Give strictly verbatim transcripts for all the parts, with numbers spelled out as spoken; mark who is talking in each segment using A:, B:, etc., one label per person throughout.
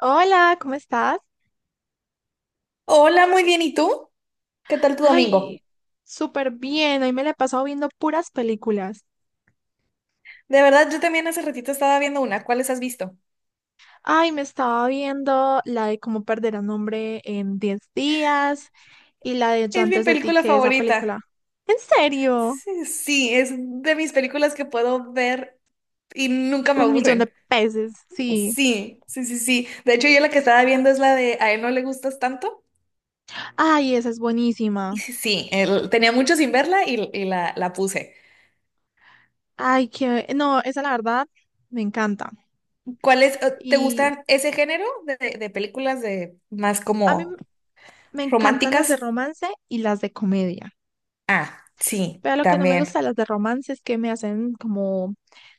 A: Hola, ¿cómo estás?
B: Hola, muy bien. ¿Y tú? ¿Qué tal tu domingo?
A: Ay, súper bien. Hoy me la he pasado viendo puras películas.
B: De verdad, yo también hace ratito estaba viendo una. ¿Cuáles has visto?
A: Ay, me estaba viendo la de Cómo perder a un hombre en diez días y la de Yo
B: Es mi
A: antes de ti,
B: película
A: que esa
B: favorita.
A: película. ¿En serio?
B: Sí, sí, es de mis películas que puedo ver y nunca me
A: Un millón de
B: aburren.
A: peces, sí.
B: Sí, sí, sí, sí. De hecho, yo la que estaba viendo es la de A él no le gustas tanto.
A: Ay, esa es buenísima.
B: Y sí, sí, el- tenía mucho sin verla y, y la, la puse.
A: Ay, que... No, esa la verdad me encanta.
B: ¿Cuál es, eh, te
A: Y
B: gustan ese género de, de de películas de más
A: a mí
B: como
A: me encantan las de
B: románticas?
A: romance y las de comedia.
B: Ah, sí,
A: Pero lo que no me gusta
B: también.
A: de las de romance es que me hacen como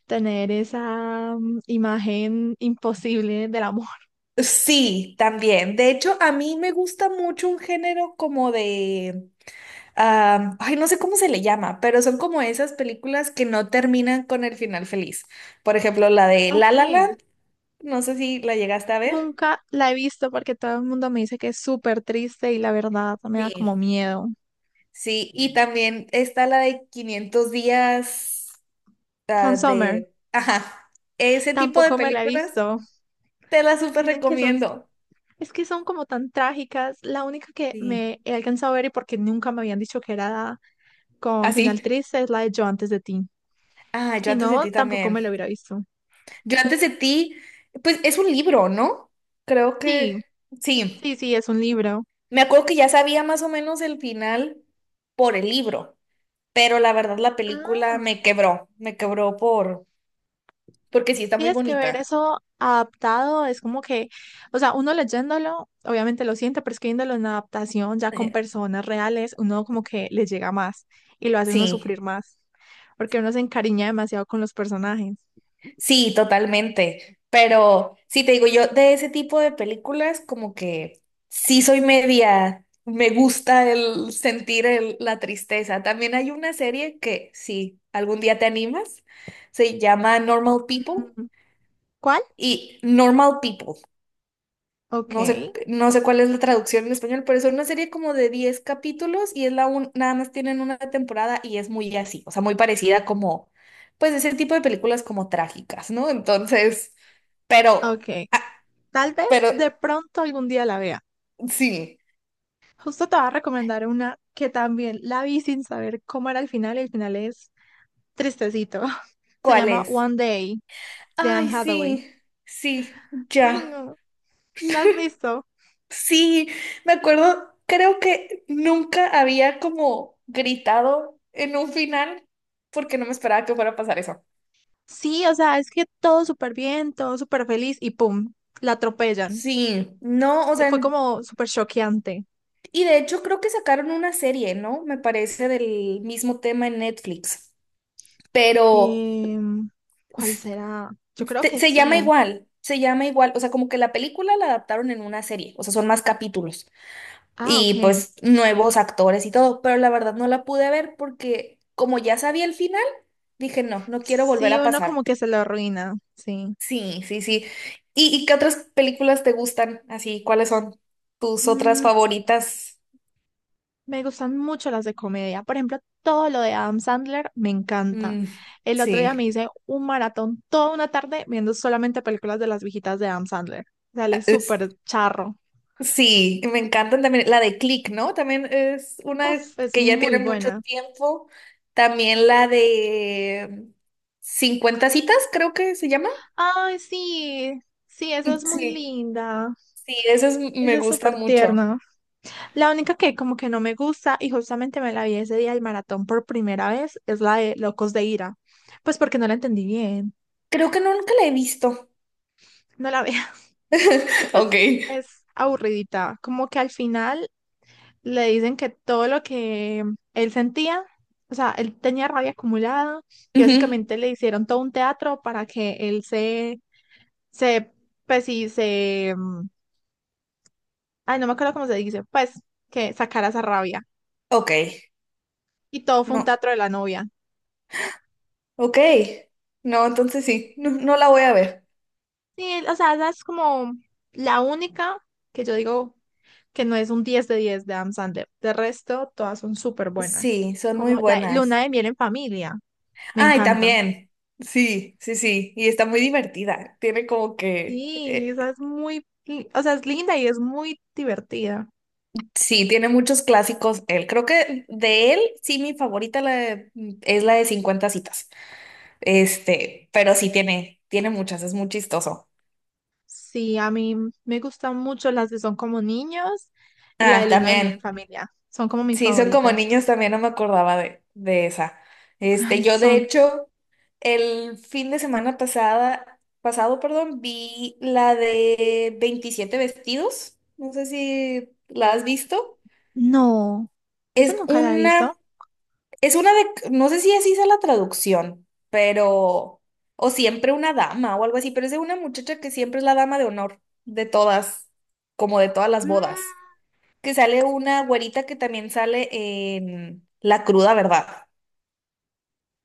A: tener esa mm, imagen imposible del amor.
B: Sí, también. De hecho, a mí me gusta mucho un género como de, am, ay, no sé cómo se le llama, pero son como esas películas que no terminan con el final feliz. Por ejemplo, la de La
A: Ok.
B: La Land, no sé si la llegaste a ver.
A: Nunca la he visto porque todo el mundo me dice que es súper triste y la verdad me da como
B: Sí.
A: miedo.
B: Sí, y también está la de Quinientos días, ah,
A: Summer
B: de, ajá, ese tipo de
A: tampoco me la he
B: películas
A: visto.
B: te las súper
A: Dicen que son,
B: recomiendo.
A: es que son como tan trágicas. La única que
B: Sí.
A: me he alcanzado a ver y porque nunca me habían dicho que era con final
B: Así.
A: triste es la de Yo antes de ti.
B: Ah, yo
A: Si
B: antes de
A: no,
B: ti
A: tampoco me
B: también.
A: la hubiera visto.
B: Yo antes de ti, pues es un libro, ¿no? Creo
A: Sí,
B: que sí.
A: sí, sí, es un libro.
B: Me acuerdo que ya sabía más o menos el final por el libro, pero la verdad la película me
A: Ah.
B: quebró, me quebró por, porque sí está
A: Sí,
B: muy
A: es que ver
B: bonita.
A: eso adaptado es como que, o sea, uno leyéndolo, obviamente lo siente, pero es que viéndolo en adaptación ya con
B: Eh,
A: personas reales, uno como que le llega más y lo hace uno
B: Sí.
A: sufrir más, porque uno se encariña demasiado con los personajes.
B: Sí, totalmente. Pero sí te digo, yo de ese tipo de películas como que sí soy media, me gusta el sentir el- la tristeza. También hay una serie que sí, algún día te animas, se llama Normal People
A: Mm, ¿cuál?
B: y Normal People.
A: Ok,
B: No sé, no sé cuál es la traducción en español, pero es una serie como de diez capítulos y es la un, nada más tienen una temporada y es muy así, o sea, muy parecida como, pues ese tipo de películas como trágicas, ¿no? Entonces, pero,
A: ok.
B: ah,
A: Tal vez
B: pero
A: de pronto algún día la vea.
B: sí,
A: Justo te voy a recomendar una que también la vi sin saber cómo era el final y el final es tristecito. Se
B: ¿cuál
A: llama
B: es?
A: One Day de
B: Ay,
A: Anne Hathaway.
B: sí, sí,
A: Ay,
B: ya,
A: no. ¿La has visto?
B: sí, me acuerdo, creo que nunca había como gritado en un final porque no me esperaba que fuera a pasar eso.
A: Sí, o sea, es que todo súper bien, todo súper feliz y pum, la atropellan.
B: Sí, no, o
A: Fue
B: sea,
A: como súper choqueante.
B: y de hecho creo que sacaron una serie, ¿no? Me parece del mismo tema en Netflix, pero
A: Em, ¿cuál será? Yo creo
B: te-
A: que
B: se llama
A: sí.
B: igual, se llama igual, o sea, como que la película la adaptaron en una serie, o sea, son más capítulos
A: Ah,
B: y
A: ok.
B: pues nuevos actores y todo, pero la verdad no la pude ver porque como ya sabía el final, dije, no, no quiero volver
A: Sí,
B: a
A: uno
B: pasar.
A: como que se lo arruina, sí.
B: Sí, sí, sí. ¿Y, y qué otras películas te gustan? Así, ¿cuáles son tus otras
A: Mm,
B: favoritas?
A: me gustan mucho las de comedia. Por ejemplo, todo lo de Adam Sandler me encanta.
B: Mm,
A: El otro día me
B: sí.
A: hice un maratón toda una tarde viendo solamente películas de las viejitas de Adam Sandler. Dale, súper charro.
B: Sí, y me encantan también. La de Click, ¿no? También es una
A: Uf, es
B: que ya
A: muy
B: tiene mucho
A: buena.
B: tiempo. También la de cincuenta citas, creo que se llama.
A: Ay, sí, sí, esa es muy
B: Sí,
A: linda.
B: sí, esa es- me
A: Esa es
B: gusta
A: súper
B: mucho.
A: tierna. La única que como que no me gusta y justamente me la vi ese día del maratón por primera vez es la de Locos de Ira. Pues porque no la entendí bien.
B: Creo que no, nunca la he visto.
A: No la veo.
B: Ok.
A: Pues es aburridita. Como que al final le dicen que todo lo que él sentía, o sea, él tenía rabia acumulada y
B: Ujú.
A: básicamente le hicieron todo un teatro para que él se, se, pues sí, se... mm, ay, no me acuerdo cómo se dice, pues, que sacara esa rabia.
B: Ok.
A: Y todo fue un
B: No.
A: teatro de la novia.
B: Ok. No, entonces sí, no, no la voy a ver.
A: Sí, o sea, esa es como la única que yo digo que no es un diez de diez de Adam Sandler. De resto, todas son súper buenas.
B: Sí, son muy
A: Como la Luna
B: buenas.
A: de Miel en Familia, me
B: Ay,
A: encanta.
B: también. Sí, sí, sí. Y está muy divertida. Tiene como que
A: Sí,
B: eh,
A: esa es muy, li- o sea, es linda y es muy divertida.
B: sí, tiene muchos clásicos. Él, creo que de él, sí, mi favorita la de- mm, es la de cincuenta citas. Este, pero sí tiene, tiene muchas, es muy chistoso.
A: Sí, a mí me gustan mucho las que son como niños y la de
B: Ah,
A: Luna de Miel en
B: también.
A: Familia. Son como mis
B: Sí, son como
A: favoritas.
B: niños también, no me acordaba de, de esa.
A: Ay,
B: Este, yo de
A: son.
B: hecho, el fin de semana pasada, pasado, perdón, vi la de veintisiete vestidos. No sé si la has visto.
A: No, esa
B: Es
A: nunca la he visto.
B: una. Es una de, no sé si así sea la traducción, pero, o siempre una dama o algo así, pero es de una muchacha que siempre es la dama de honor de todas, como de todas las bodas,
A: Mm,
B: que sale una güerita que también sale en La cruda verdad.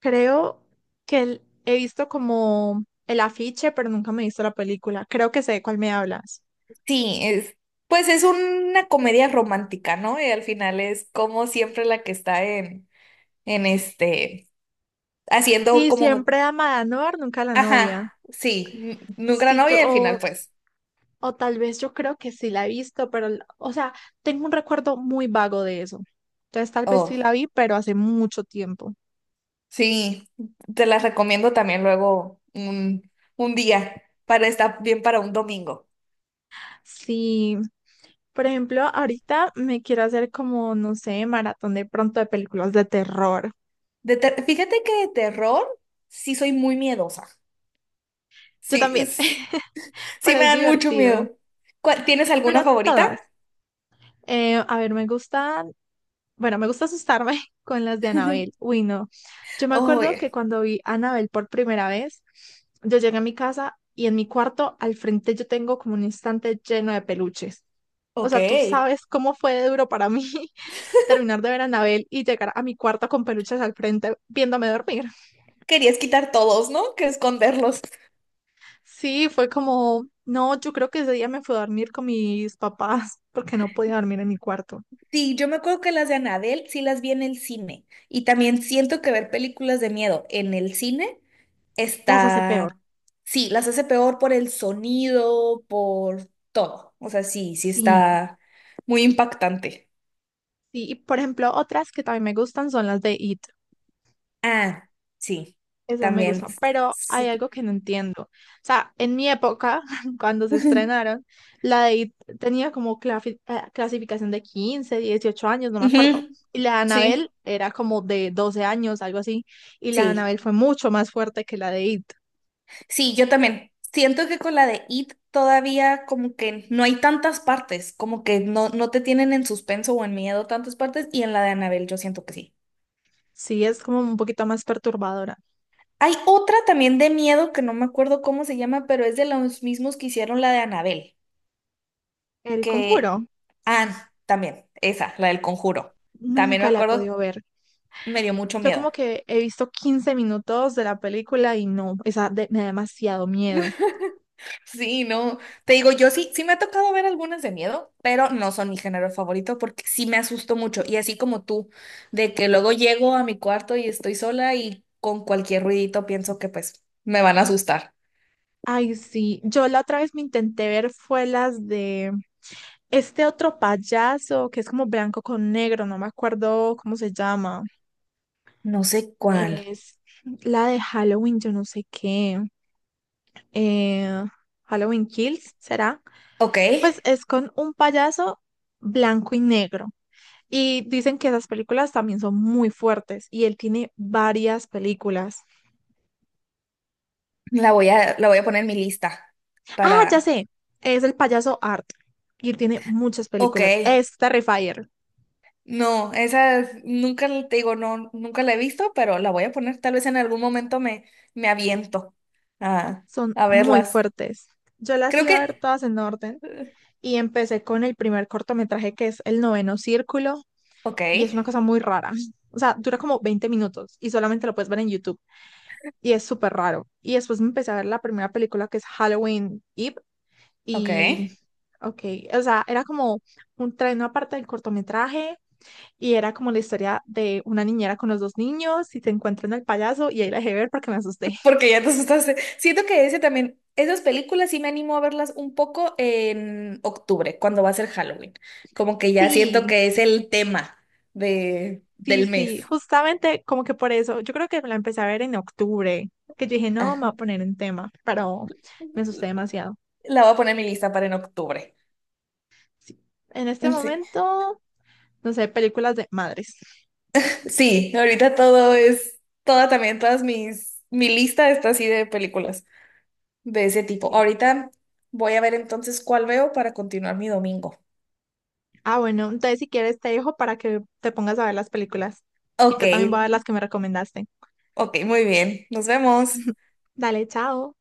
A: creo que el- he visto como el afiche, pero nunca me he visto la película. Creo que sé de cuál me hablas.
B: Sí, es, pues es una comedia romántica, ¿no? Y al final es como siempre la que está en, en este, haciendo
A: Sí,
B: como,
A: siempre ama a Noir, nunca a la
B: ajá,
A: novia.
B: sí, n- nunca la
A: Sí, yo,
B: novia y al
A: o,
B: final pues,
A: o tal vez yo creo que sí la he visto, pero, la- o sea, tengo un recuerdo muy vago de eso. Entonces tal vez sí
B: oh.
A: la vi, pero hace mucho tiempo.
B: Sí, te las recomiendo también luego un, un día para estar bien para un domingo.
A: Sí, por ejemplo, ahorita me quiero hacer como, no sé, maratón de pronto de películas de terror.
B: De ter- Fíjate que de terror sí soy muy miedosa.
A: Yo
B: Sí,
A: también,
B: es- sí
A: pero
B: me
A: es
B: dan mucho
A: divertido.
B: miedo. ¿Cuál- ¿Tienes
A: Pero
B: alguna favorita?
A: todas. Eh, a ver, me gustan, bueno, me gusta asustarme con las de Anabel. Uy, no. Yo me acuerdo que
B: Oye,
A: cuando vi a Anabel por primera vez, yo llegué a mi casa y en mi cuarto al frente yo tengo como un instante lleno de peluches. O
B: ok.
A: sea, tú sabes cómo fue de duro para mí terminar de ver a Anabel y llegar a mi cuarto con peluches al frente viéndome dormir.
B: Querías quitar todos, ¿no? Que esconderlos.
A: Sí, fue como, no, yo creo que ese día me fui a dormir con mis papás porque no podía dormir en mi cuarto.
B: Sí, yo me acuerdo que las de Anabel sí las vi en el cine. Y también siento que ver películas de miedo en el cine
A: Las hace peor.
B: está, sí, las hace peor por el sonido, por todo. O sea, sí, sí
A: Sí,
B: está muy impactante.
A: sí, y por ejemplo, otras que también me gustan son las de It.
B: Ah, sí,
A: Esas me
B: también.
A: gustan, pero hay
B: Su-
A: algo que no entiendo. O sea, en mi época, cuando se estrenaron, la de It tenía como clafi- eh, clasificación de quince, dieciocho años, no me acuerdo.
B: Ujú,
A: Y la de Annabelle
B: sí,
A: era como de doce años, algo así. Y la de
B: sí,
A: Annabelle fue mucho más fuerte que la de It.
B: sí, yo también. Siento que con la de It todavía como que no hay tantas partes, como que no, no te tienen en suspenso o en miedo tantas partes, y en la de Annabelle yo siento que sí.
A: Sí, es como un poquito más perturbadora.
B: Hay otra también de miedo que no me acuerdo cómo se llama, pero es de los mismos que hicieron la de Annabelle.
A: El
B: Que...
A: Conjuro,
B: Ah, también, esa, la del conjuro. También me
A: nunca la he
B: acuerdo,
A: podido ver.
B: me dio mucho
A: Yo
B: miedo.
A: como que he visto quince minutos de la película y no, esa de- me da demasiado miedo.
B: Sí, no, te digo, yo sí, sí me ha tocado ver algunas de miedo, pero no son mi género favorito porque sí me asusto mucho. Y así como tú, de que luego llego a mi cuarto y estoy sola y con cualquier ruidito pienso que pues me van a asustar.
A: Ay, sí, yo la otra vez me intenté ver fue las de este otro payaso que es como blanco con negro, no me acuerdo cómo se llama.
B: No sé cuál.
A: Es la de Halloween, yo no sé qué. Eh, Halloween Kills, ¿será?
B: Ok,
A: Pues es con un payaso blanco y negro. Y dicen que esas películas también son muy fuertes y él tiene varias películas.
B: la voy a, la voy a poner en mi lista
A: Ah, ya
B: para...
A: sé. Es el payaso Art. Y él tiene muchas
B: Ok.
A: películas. Es Terrifier.
B: No, esa es- nunca l- te digo, no, nunca la he visto, pero la voy a poner. Tal vez en algún momento me, me aviento a,
A: Son
B: a
A: muy
B: verlas.
A: fuertes. Yo las
B: Creo
A: iba
B: que.
A: a ver todas en orden.
B: eh,
A: Y empecé con el primer cortometraje que es El Noveno Círculo.
B: Ok,
A: Y es una cosa muy rara. O sea, dura como veinte minutos y solamente lo puedes ver en YouTube. Y es súper raro. Y después me empecé a ver la primera película que es Halloween Eve.
B: ok.
A: Y, ok, o sea, era como un tren aparte del cortometraje. Y era como la historia de una niñera con los dos niños y se encuentran al payaso y ahí la dejé ver porque me asusté.
B: Porque ya te asustaste. Siento que ese también, esas películas sí me animo a verlas un poco en octubre, cuando va a ser Halloween. Como que ya siento
A: Sí,
B: que es el tema de,
A: sí,
B: del
A: sí,
B: mes.
A: justamente como que por eso, yo creo que la empecé a ver en octubre, que yo dije, no, me
B: Ah,
A: voy a poner en tema, pero me asusté demasiado.
B: la voy a poner en mi lista para en octubre.
A: Sí. En este
B: Sí.
A: momento, no sé, películas de madres.
B: Sí, ahorita todo es, toda también, todas mis, mi lista está así de películas de ese tipo.
A: Sí.
B: Ahorita voy a ver entonces cuál veo para continuar mi domingo.
A: Ah, bueno, entonces si quieres te dejo para que te pongas a ver las películas. Y
B: Ok,
A: yo también voy a ver las que me recomendaste.
B: ok, muy bien. Nos vemos.
A: Dale, chao.